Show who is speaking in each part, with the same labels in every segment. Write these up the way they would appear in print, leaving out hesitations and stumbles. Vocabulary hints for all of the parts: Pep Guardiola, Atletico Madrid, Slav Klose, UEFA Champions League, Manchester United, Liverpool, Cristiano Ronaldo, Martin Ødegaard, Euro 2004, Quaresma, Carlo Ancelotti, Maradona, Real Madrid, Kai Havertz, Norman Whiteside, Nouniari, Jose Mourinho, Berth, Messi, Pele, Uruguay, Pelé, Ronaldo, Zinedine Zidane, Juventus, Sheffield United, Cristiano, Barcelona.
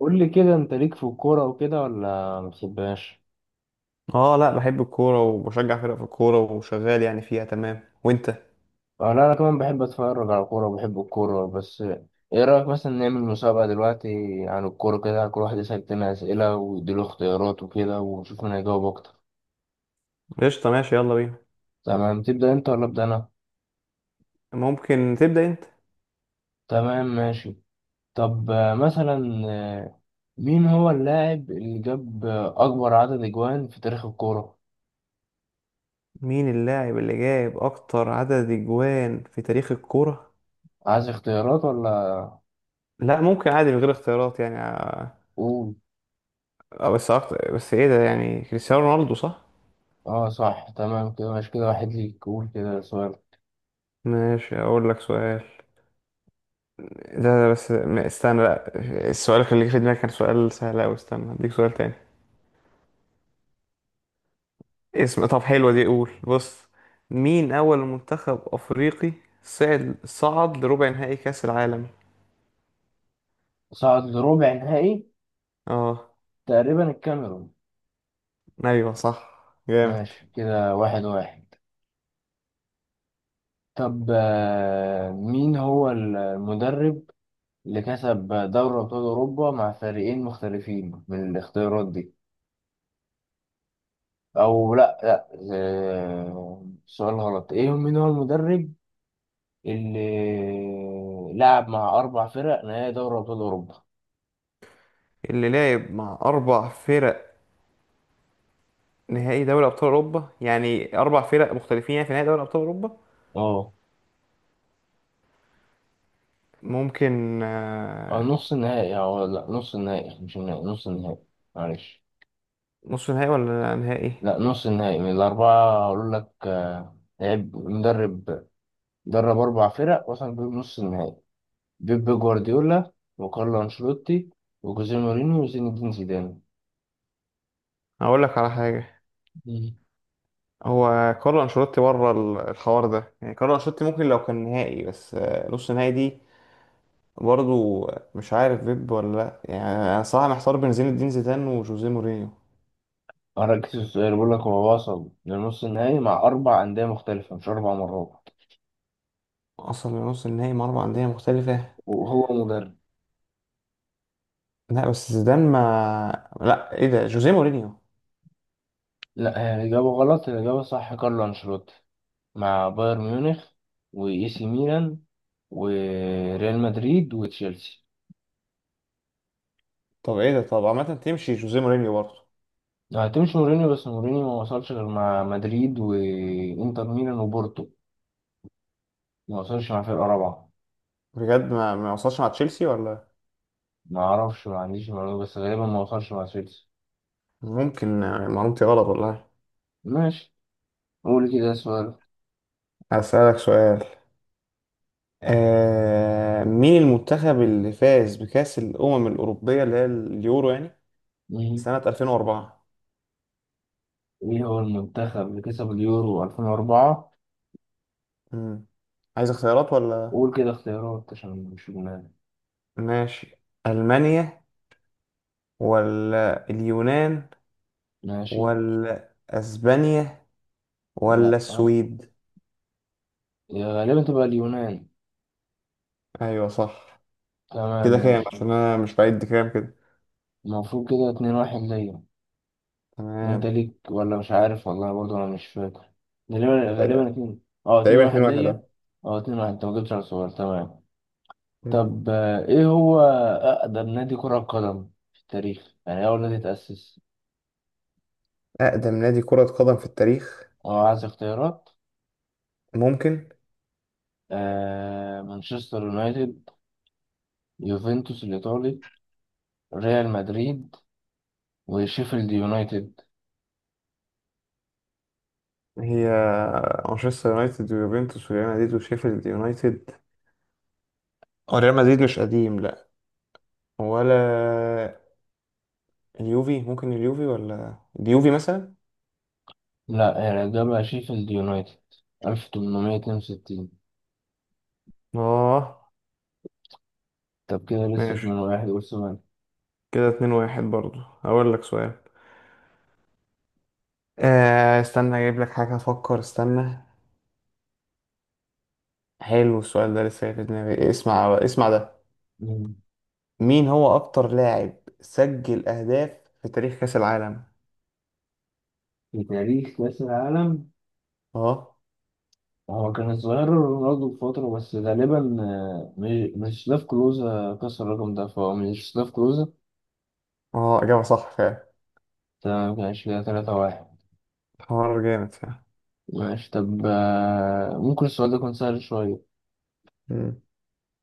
Speaker 1: قول لي كده، انت ليك في الكورة وكده ولا ما بتحبهاش؟
Speaker 2: اه، لا بحب الكورة وبشجع فرق في الكورة وشغال يعني فيها، تمام. وانت؟
Speaker 1: اه لا، انا كمان بحب اتفرج على الكورة وبحب الكورة بس. ايه رأيك مثلا نعمل مسابقة دلوقتي عن الكورة كده؟ كل واحد يسأل تاني أسئلة ويديله اختيارات وكده، ونشوف مين هيجاوب اكتر.
Speaker 2: قشطة، ماشي يلا بينا.
Speaker 1: تمام، تبدأ انت ولا ابدأ انا؟
Speaker 2: ممكن تبدأ انت.
Speaker 1: تمام ماشي. طب مثلا مين هو اللاعب اللي جاب اكبر عدد اجوان في تاريخ الكورة؟
Speaker 2: مين اللاعب اللي جايب اكتر عدد اجوان في تاريخ الكورة؟
Speaker 1: عايز اختيارات ولا
Speaker 2: لا، ممكن عادي من غير اختيارات يعني
Speaker 1: قول؟
Speaker 2: بس أكتر، بس ايه ده يعني؟ كريستيانو رونالدو صح؟
Speaker 1: اه صح، تمام كده ماشي، كده واحد ليك، قول كده سؤال.
Speaker 2: ماشي اقول لك سؤال. ده بس استنى لا، السؤال اللي جه في دماغي كان سؤال سهل اوي، استنى هديك سؤال تاني. اسم، طب حلوة دي، قول بص. مين أول منتخب أفريقي صعد لربع نهائي كأس العالم؟
Speaker 1: صعد لربع نهائي
Speaker 2: اه.
Speaker 1: تقريبا الكاميرون.
Speaker 2: أيوة صح. جامد.
Speaker 1: ماشي كده، واحد واحد. طب مين هو المدرب اللي كسب دوري أبطال أوروبا مع فريقين مختلفين من الاختيارات دي؟ أو لأ لأ، سؤال غلط. إيه، مين هو المدرب اللي لعب مع أربع فرق نهائي دوري أبطال أوروبا؟
Speaker 2: اللي لعب مع أربع فرق نهائي دوري أبطال أوروبا، يعني أربع فرق مختلفين يعني في نهائي دوري أبطال أوروبا.
Speaker 1: أه.
Speaker 2: ممكن
Speaker 1: أو نص النهائي، أه لأ، نص النهائي مش النهائي، نص النهائي، معلش.
Speaker 2: نص نهائي ولا نهائي؟
Speaker 1: لا، نص النهائي من الأربعة، أقول لك لعب مدرب درب أربع فرق وصل بيهم نص النهائي: بيب جوارديولا، وكارلو أنشيلوتي، وجوزيه مورينيو، وزين الدين زيدان.
Speaker 2: أقول لك على حاجة.
Speaker 1: مم.
Speaker 2: هو كارلو أنشيلوتي بره الحوار ده، يعني كارلو أنشيلوتي ممكن لو كان نهائي، بس نص نهائي دي برضو مش عارف بيب ولا لا يعني، انا صراحه محتار بين زين الدين زيدان وجوزيه مورينيو.
Speaker 1: أنا ركزت في السؤال بقول لك هو وصل لنص النهائي مع أربع أندية مختلفة مش أربع مرات،
Speaker 2: اصلا لنص النهائي مع اربع انديه مختلفه؟
Speaker 1: وهو مدرب.
Speaker 2: لا بس زيدان ما لا ايه ده، جوزيه مورينيو.
Speaker 1: لا، هي الإجابة غلط، الإجابة صح كارلو أنشيلوتي مع بايرن ميونخ وإي سي ميلان وريال مدريد وتشيلسي.
Speaker 2: طب ايه ده، طب عامه تمشي جوزيه مورينيو برضه.
Speaker 1: هتمشي مورينيو، بس مورينيو ما وصلش غير مع مدريد وانتر ميلان وبورتو، ما وصلش مع فرقة رابعة.
Speaker 2: بجد ما وصلش مع تشيلسي ولا؟
Speaker 1: ما اعرفش، ما عنديش معلومة، بس غالبا ما وصلش مع سويسرا.
Speaker 2: ممكن يعني، معلومتي غلط والله.
Speaker 1: ماشي، قول كده سؤال.
Speaker 2: هسألك سؤال. آه... مين المنتخب اللي فاز بكأس الأمم الأوروبية اللي هي اليورو يعني
Speaker 1: مم.
Speaker 2: سنة 2004؟
Speaker 1: ايه هو المنتخب اللي كسب اليورو 2004؟
Speaker 2: مم. عايز اختيارات ولا؟
Speaker 1: قول كده اختيارات عشان مش اليونان،
Speaker 2: ماشي. ألمانيا، ولا اليونان،
Speaker 1: ماشي.
Speaker 2: ولا أسبانيا، ولا
Speaker 1: لا،
Speaker 2: السويد؟
Speaker 1: يا غالبا تبقى اليونان.
Speaker 2: أيوة صح.
Speaker 1: تمام
Speaker 2: كده كام
Speaker 1: ماشي.
Speaker 2: عشان أنا مش بعد كام كده؟
Speaker 1: المفروض كده اتنين واحد ليا. انت
Speaker 2: تمام.
Speaker 1: ليك ولا مش عارف؟ والله برضه انا مش فاكر، غالبا غالبا اتنين، اه اتنين
Speaker 2: تقريبا
Speaker 1: واحد
Speaker 2: 2 1
Speaker 1: ليا.
Speaker 2: ده.
Speaker 1: اه اتنين واحد، انت ما جبتش على الصغير، تمام.
Speaker 2: مم.
Speaker 1: طب ايه هو اقدم نادي كرة قدم في التاريخ؟ يعني إيه اول نادي اتأسس؟
Speaker 2: أقدم نادي كرة قدم في التاريخ؟
Speaker 1: اه عايز اختيارات.
Speaker 2: ممكن.
Speaker 1: مانشستر يونايتد، يوفنتوس الايطالي، ريال مدريد، وشيفيلد يونايتد.
Speaker 2: هي مانشستر يونايتد ويوفنتوس وريال مدريد وشيفيلد يونايتد. هو ريال مدريد مش قديم، لأ. ولا اليوفي؟ ممكن اليوفي ولا؟ اليوفي مثلا.
Speaker 1: لا، هي الاجابة شيفيلد يونايتد 1862.
Speaker 2: اه.
Speaker 1: طب كده لسه 2
Speaker 2: ماشي
Speaker 1: واحد قول سؤال.
Speaker 2: كده، اتنين واحد برضو. هقول لك سؤال. آه، استنى اجيب لك حاجة افكر، استنى. حلو السؤال ده لسه في دماغي، اسمع اسمع ده.
Speaker 1: مم.
Speaker 2: مين هو اكتر لاعب سجل اهداف في تاريخ كأس العالم؟
Speaker 1: في تاريخ كأس العالم،
Speaker 2: اه.
Speaker 1: هو كان الظاهر رونالدو بفترة، بس غالبا مش سلاف كلوزا كسر الرقم ده، فهو مش سلاف كلوزا.
Speaker 2: اه، اجابة صح فعلا.
Speaker 1: تمام، كان كده تلاتة واحد.
Speaker 2: حوار جامد فعلا.
Speaker 1: ماشي، طب ممكن السؤال ده يكون سهل شوية.
Speaker 2: مم.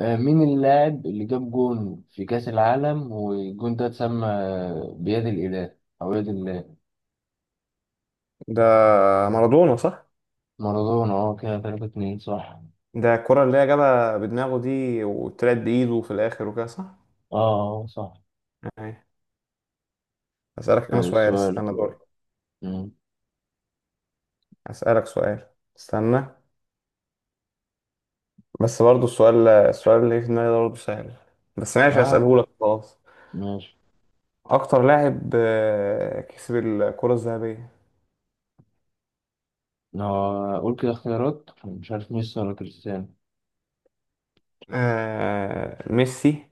Speaker 1: مين اللاعب اللي جاب جون في كأس العالم والجون ده اتسمى بيد الإله أو يد الله؟
Speaker 2: ده مارادونا صح؟
Speaker 1: مارادونا، اه كده تلاتة اتنين، صح.
Speaker 2: ده الكرة اللي هي جابها بدماغه دي وطلعت بإيده في الآخر وكده، صح.
Speaker 1: اه، صح.
Speaker 2: أي. أسألك أنا سؤال،
Speaker 1: سؤالك.
Speaker 2: استنى دوري.
Speaker 1: مم.
Speaker 2: أسألك سؤال، استنى. بس برضه السؤال اللي في دماغي ده برضه سهل، بس ماشي
Speaker 1: اه
Speaker 2: هسأله
Speaker 1: لا،
Speaker 2: لك خلاص.
Speaker 1: ماشي.
Speaker 2: أكتر لاعب كسب الكرة الذهبية؟
Speaker 1: أنا هقول كده اختيارات، مش عارف ميسي ولا كريستيانو.
Speaker 2: ميسي،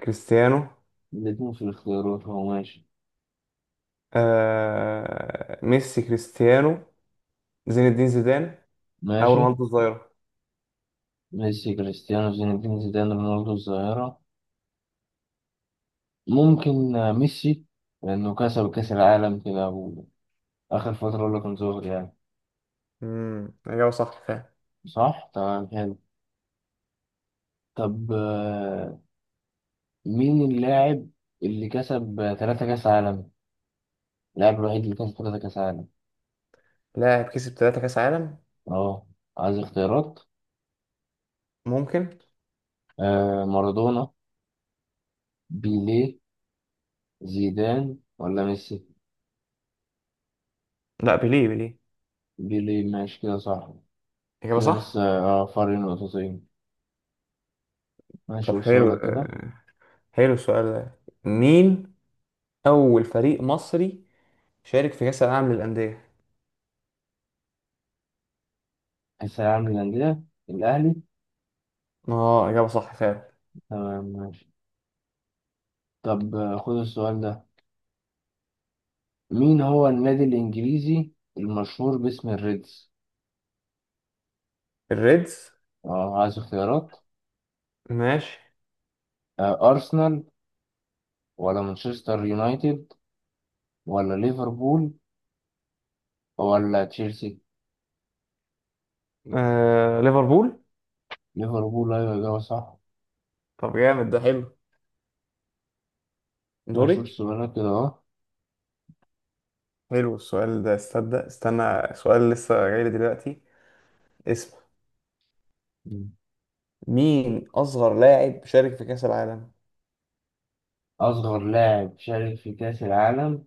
Speaker 2: كريستيانو.
Speaker 1: الاتنين في الاختيارات هو، ماشي.
Speaker 2: ميسي، كريستيانو، زين الدين زيدان، أو
Speaker 1: ماشي.
Speaker 2: رونالدو الظاهرة.
Speaker 1: ميسي، كريستيانو، زين الدين زيدان، رونالدو الظاهرة. ممكن ميسي، لأنه كسب كأس العالم كده، وآخر فترة اللي كان ظاهر يعني.
Speaker 2: امم، إجابة صح فعلا.
Speaker 1: صح تمام، حلو. طب مين اللاعب اللي كسب تلاتة كأس عالم، اللاعب الوحيد اللي كسب تلاتة كأس عالم؟
Speaker 2: لاعب كسب ثلاثة كأس عالم؟
Speaker 1: اه عايز اختيارات.
Speaker 2: ممكن.
Speaker 1: مارادونا، بيليه، زيدان ولا ميسي.
Speaker 2: لا، بيليه.
Speaker 1: بيليه، ماشي كده صح.
Speaker 2: إجابة
Speaker 1: كده لسه
Speaker 2: صح.
Speaker 1: اه فرق نقطتين. ماشي،
Speaker 2: طب
Speaker 1: قول
Speaker 2: حلو،
Speaker 1: سؤالك كده.
Speaker 2: حلو السؤال ده. مين أول فريق مصري شارك في كأس العالم للأندية؟
Speaker 1: الثانوية العامة للأندية، الأهلي.
Speaker 2: اه، إجابة صح فعلا.
Speaker 1: تمام ماشي. طب خد السؤال ده. مين هو النادي الإنجليزي المشهور باسم الريدز؟
Speaker 2: الريدز؟
Speaker 1: اه عايز اختيارات.
Speaker 2: ماشي.
Speaker 1: أرسنال، ولا مانشستر يونايتد، ولا ليفربول، ولا تشيلسي.
Speaker 2: آه، ليفربول.
Speaker 1: ليفربول، أيوة إجابة صح.
Speaker 2: طب جامد، ده حلو.
Speaker 1: ماشي،
Speaker 2: دوري.
Speaker 1: قول سؤالك كده أهو.
Speaker 2: حلو السؤال ده، استنى استنى سؤال لسه جاي لي دلوقتي. اسم،
Speaker 1: مم.
Speaker 2: مين أصغر لاعب شارك في كأس العالم؟
Speaker 1: أصغر لاعب شارك في كأس العالم.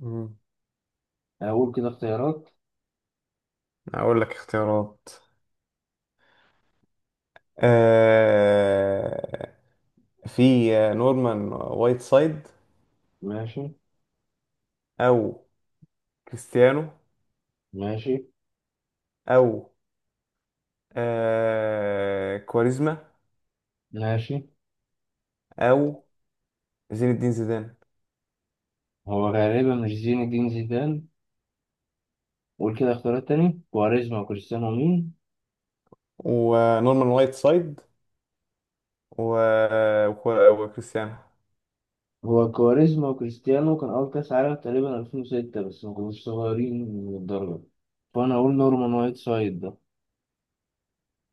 Speaker 2: مم.
Speaker 1: أقول كده اختيارات.
Speaker 2: أقول لك اختيارات. آه، في نورمان وايت سايد،
Speaker 1: ماشي
Speaker 2: أو كريستيانو،
Speaker 1: ماشي
Speaker 2: أو كواريزما،
Speaker 1: ماشي.
Speaker 2: أو زين الدين زيدان.
Speaker 1: هو غالبا مش زين الدين زيدان. قول كده اختيارات تاني، كواريزما وكريستيانو مين؟
Speaker 2: ونورمان وايت سايد، و... وكريستيانو.
Speaker 1: هو كواريزما وكريستيانو كان أول كأس عالم تقريبا 2006، بس ما كانوش صغيرين للدرجة، فأنا أقول نورمان وايت سايد ده.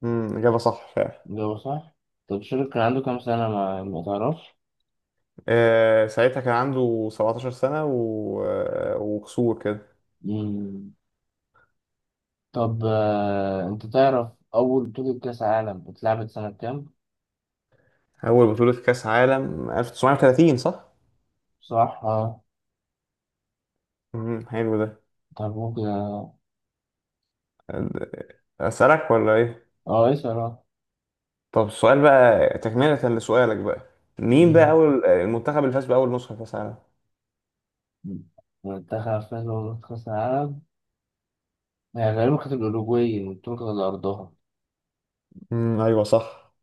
Speaker 2: امم، إجابة صح فعلا.
Speaker 1: الإجابة صح. طب شارك كان عنده كام سنة، ما تعرفش؟
Speaker 2: ساعتها كان عنده 17 سنة و... آه، وكسور كده.
Speaker 1: مم. طب أنت تعرف أول بطولة كأس عالم اتلعبت سنة كام؟
Speaker 2: أول بطولة كأس عالم 1930 صح؟
Speaker 1: صح اه.
Speaker 2: امم، حلو ده.
Speaker 1: طب ممكن اه.
Speaker 2: أسألك ولا إيه؟
Speaker 1: اسأل اه.
Speaker 2: طب السؤال بقى تكملة لسؤالك بقى. مين بقى
Speaker 1: مم.
Speaker 2: أول المنتخب اللي فاز بأول نسخة كأس عالم؟
Speaker 1: منتخب فاز بكأس العالم. هي غالبا كانت الأوروجواي، البطولة كانت على أرضها.
Speaker 2: أيوه صح.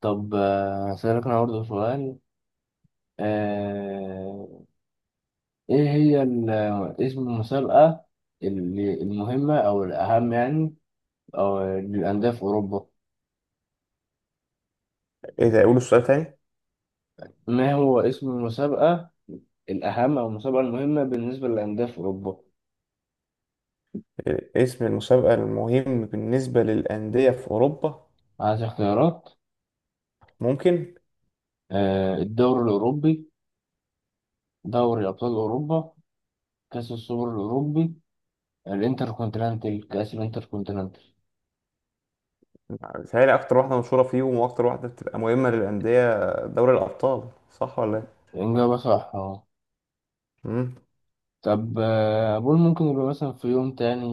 Speaker 1: طب هسألك أنا برضه سؤال. آه، إيه هي اسم المسابقة اللي المهمة أو الأهم يعني، أو للأندية في أوروبا؟
Speaker 2: إيه ده، أقول السؤال تاني؟
Speaker 1: ما هو اسم المسابقة الأهم أو المسابقة المهمة بالنسبة للأندية في أوروبا؟
Speaker 2: إيه، اسم المسابقة المهم بالنسبة للأندية في أوروبا؟
Speaker 1: عايز اختيارات.
Speaker 2: ممكن؟
Speaker 1: الدوري الأوروبي، دوري أبطال أوروبا، كأس السوبر الأوروبي، الانتركونتيننتال، كأس الانتركونتيننتال.
Speaker 2: متهيألي أكتر واحدة مشهورة فيهم وأكتر واحدة بتبقى مهمة للأندية دوري الأبطال، صح ولا إيه؟
Speaker 1: إجابة صح أهو.
Speaker 2: مم.
Speaker 1: طب أقول ممكن يبقى مثلا في يوم تاني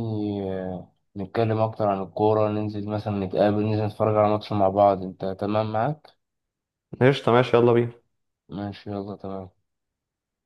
Speaker 1: نتكلم أكتر عن الكورة، ننزل مثلا نتقابل، ننزل نتفرج على ماتش مع بعض، أنت تمام معاك؟
Speaker 2: قشطة ماشي يلا بينا.
Speaker 1: ماشي يلا تمام.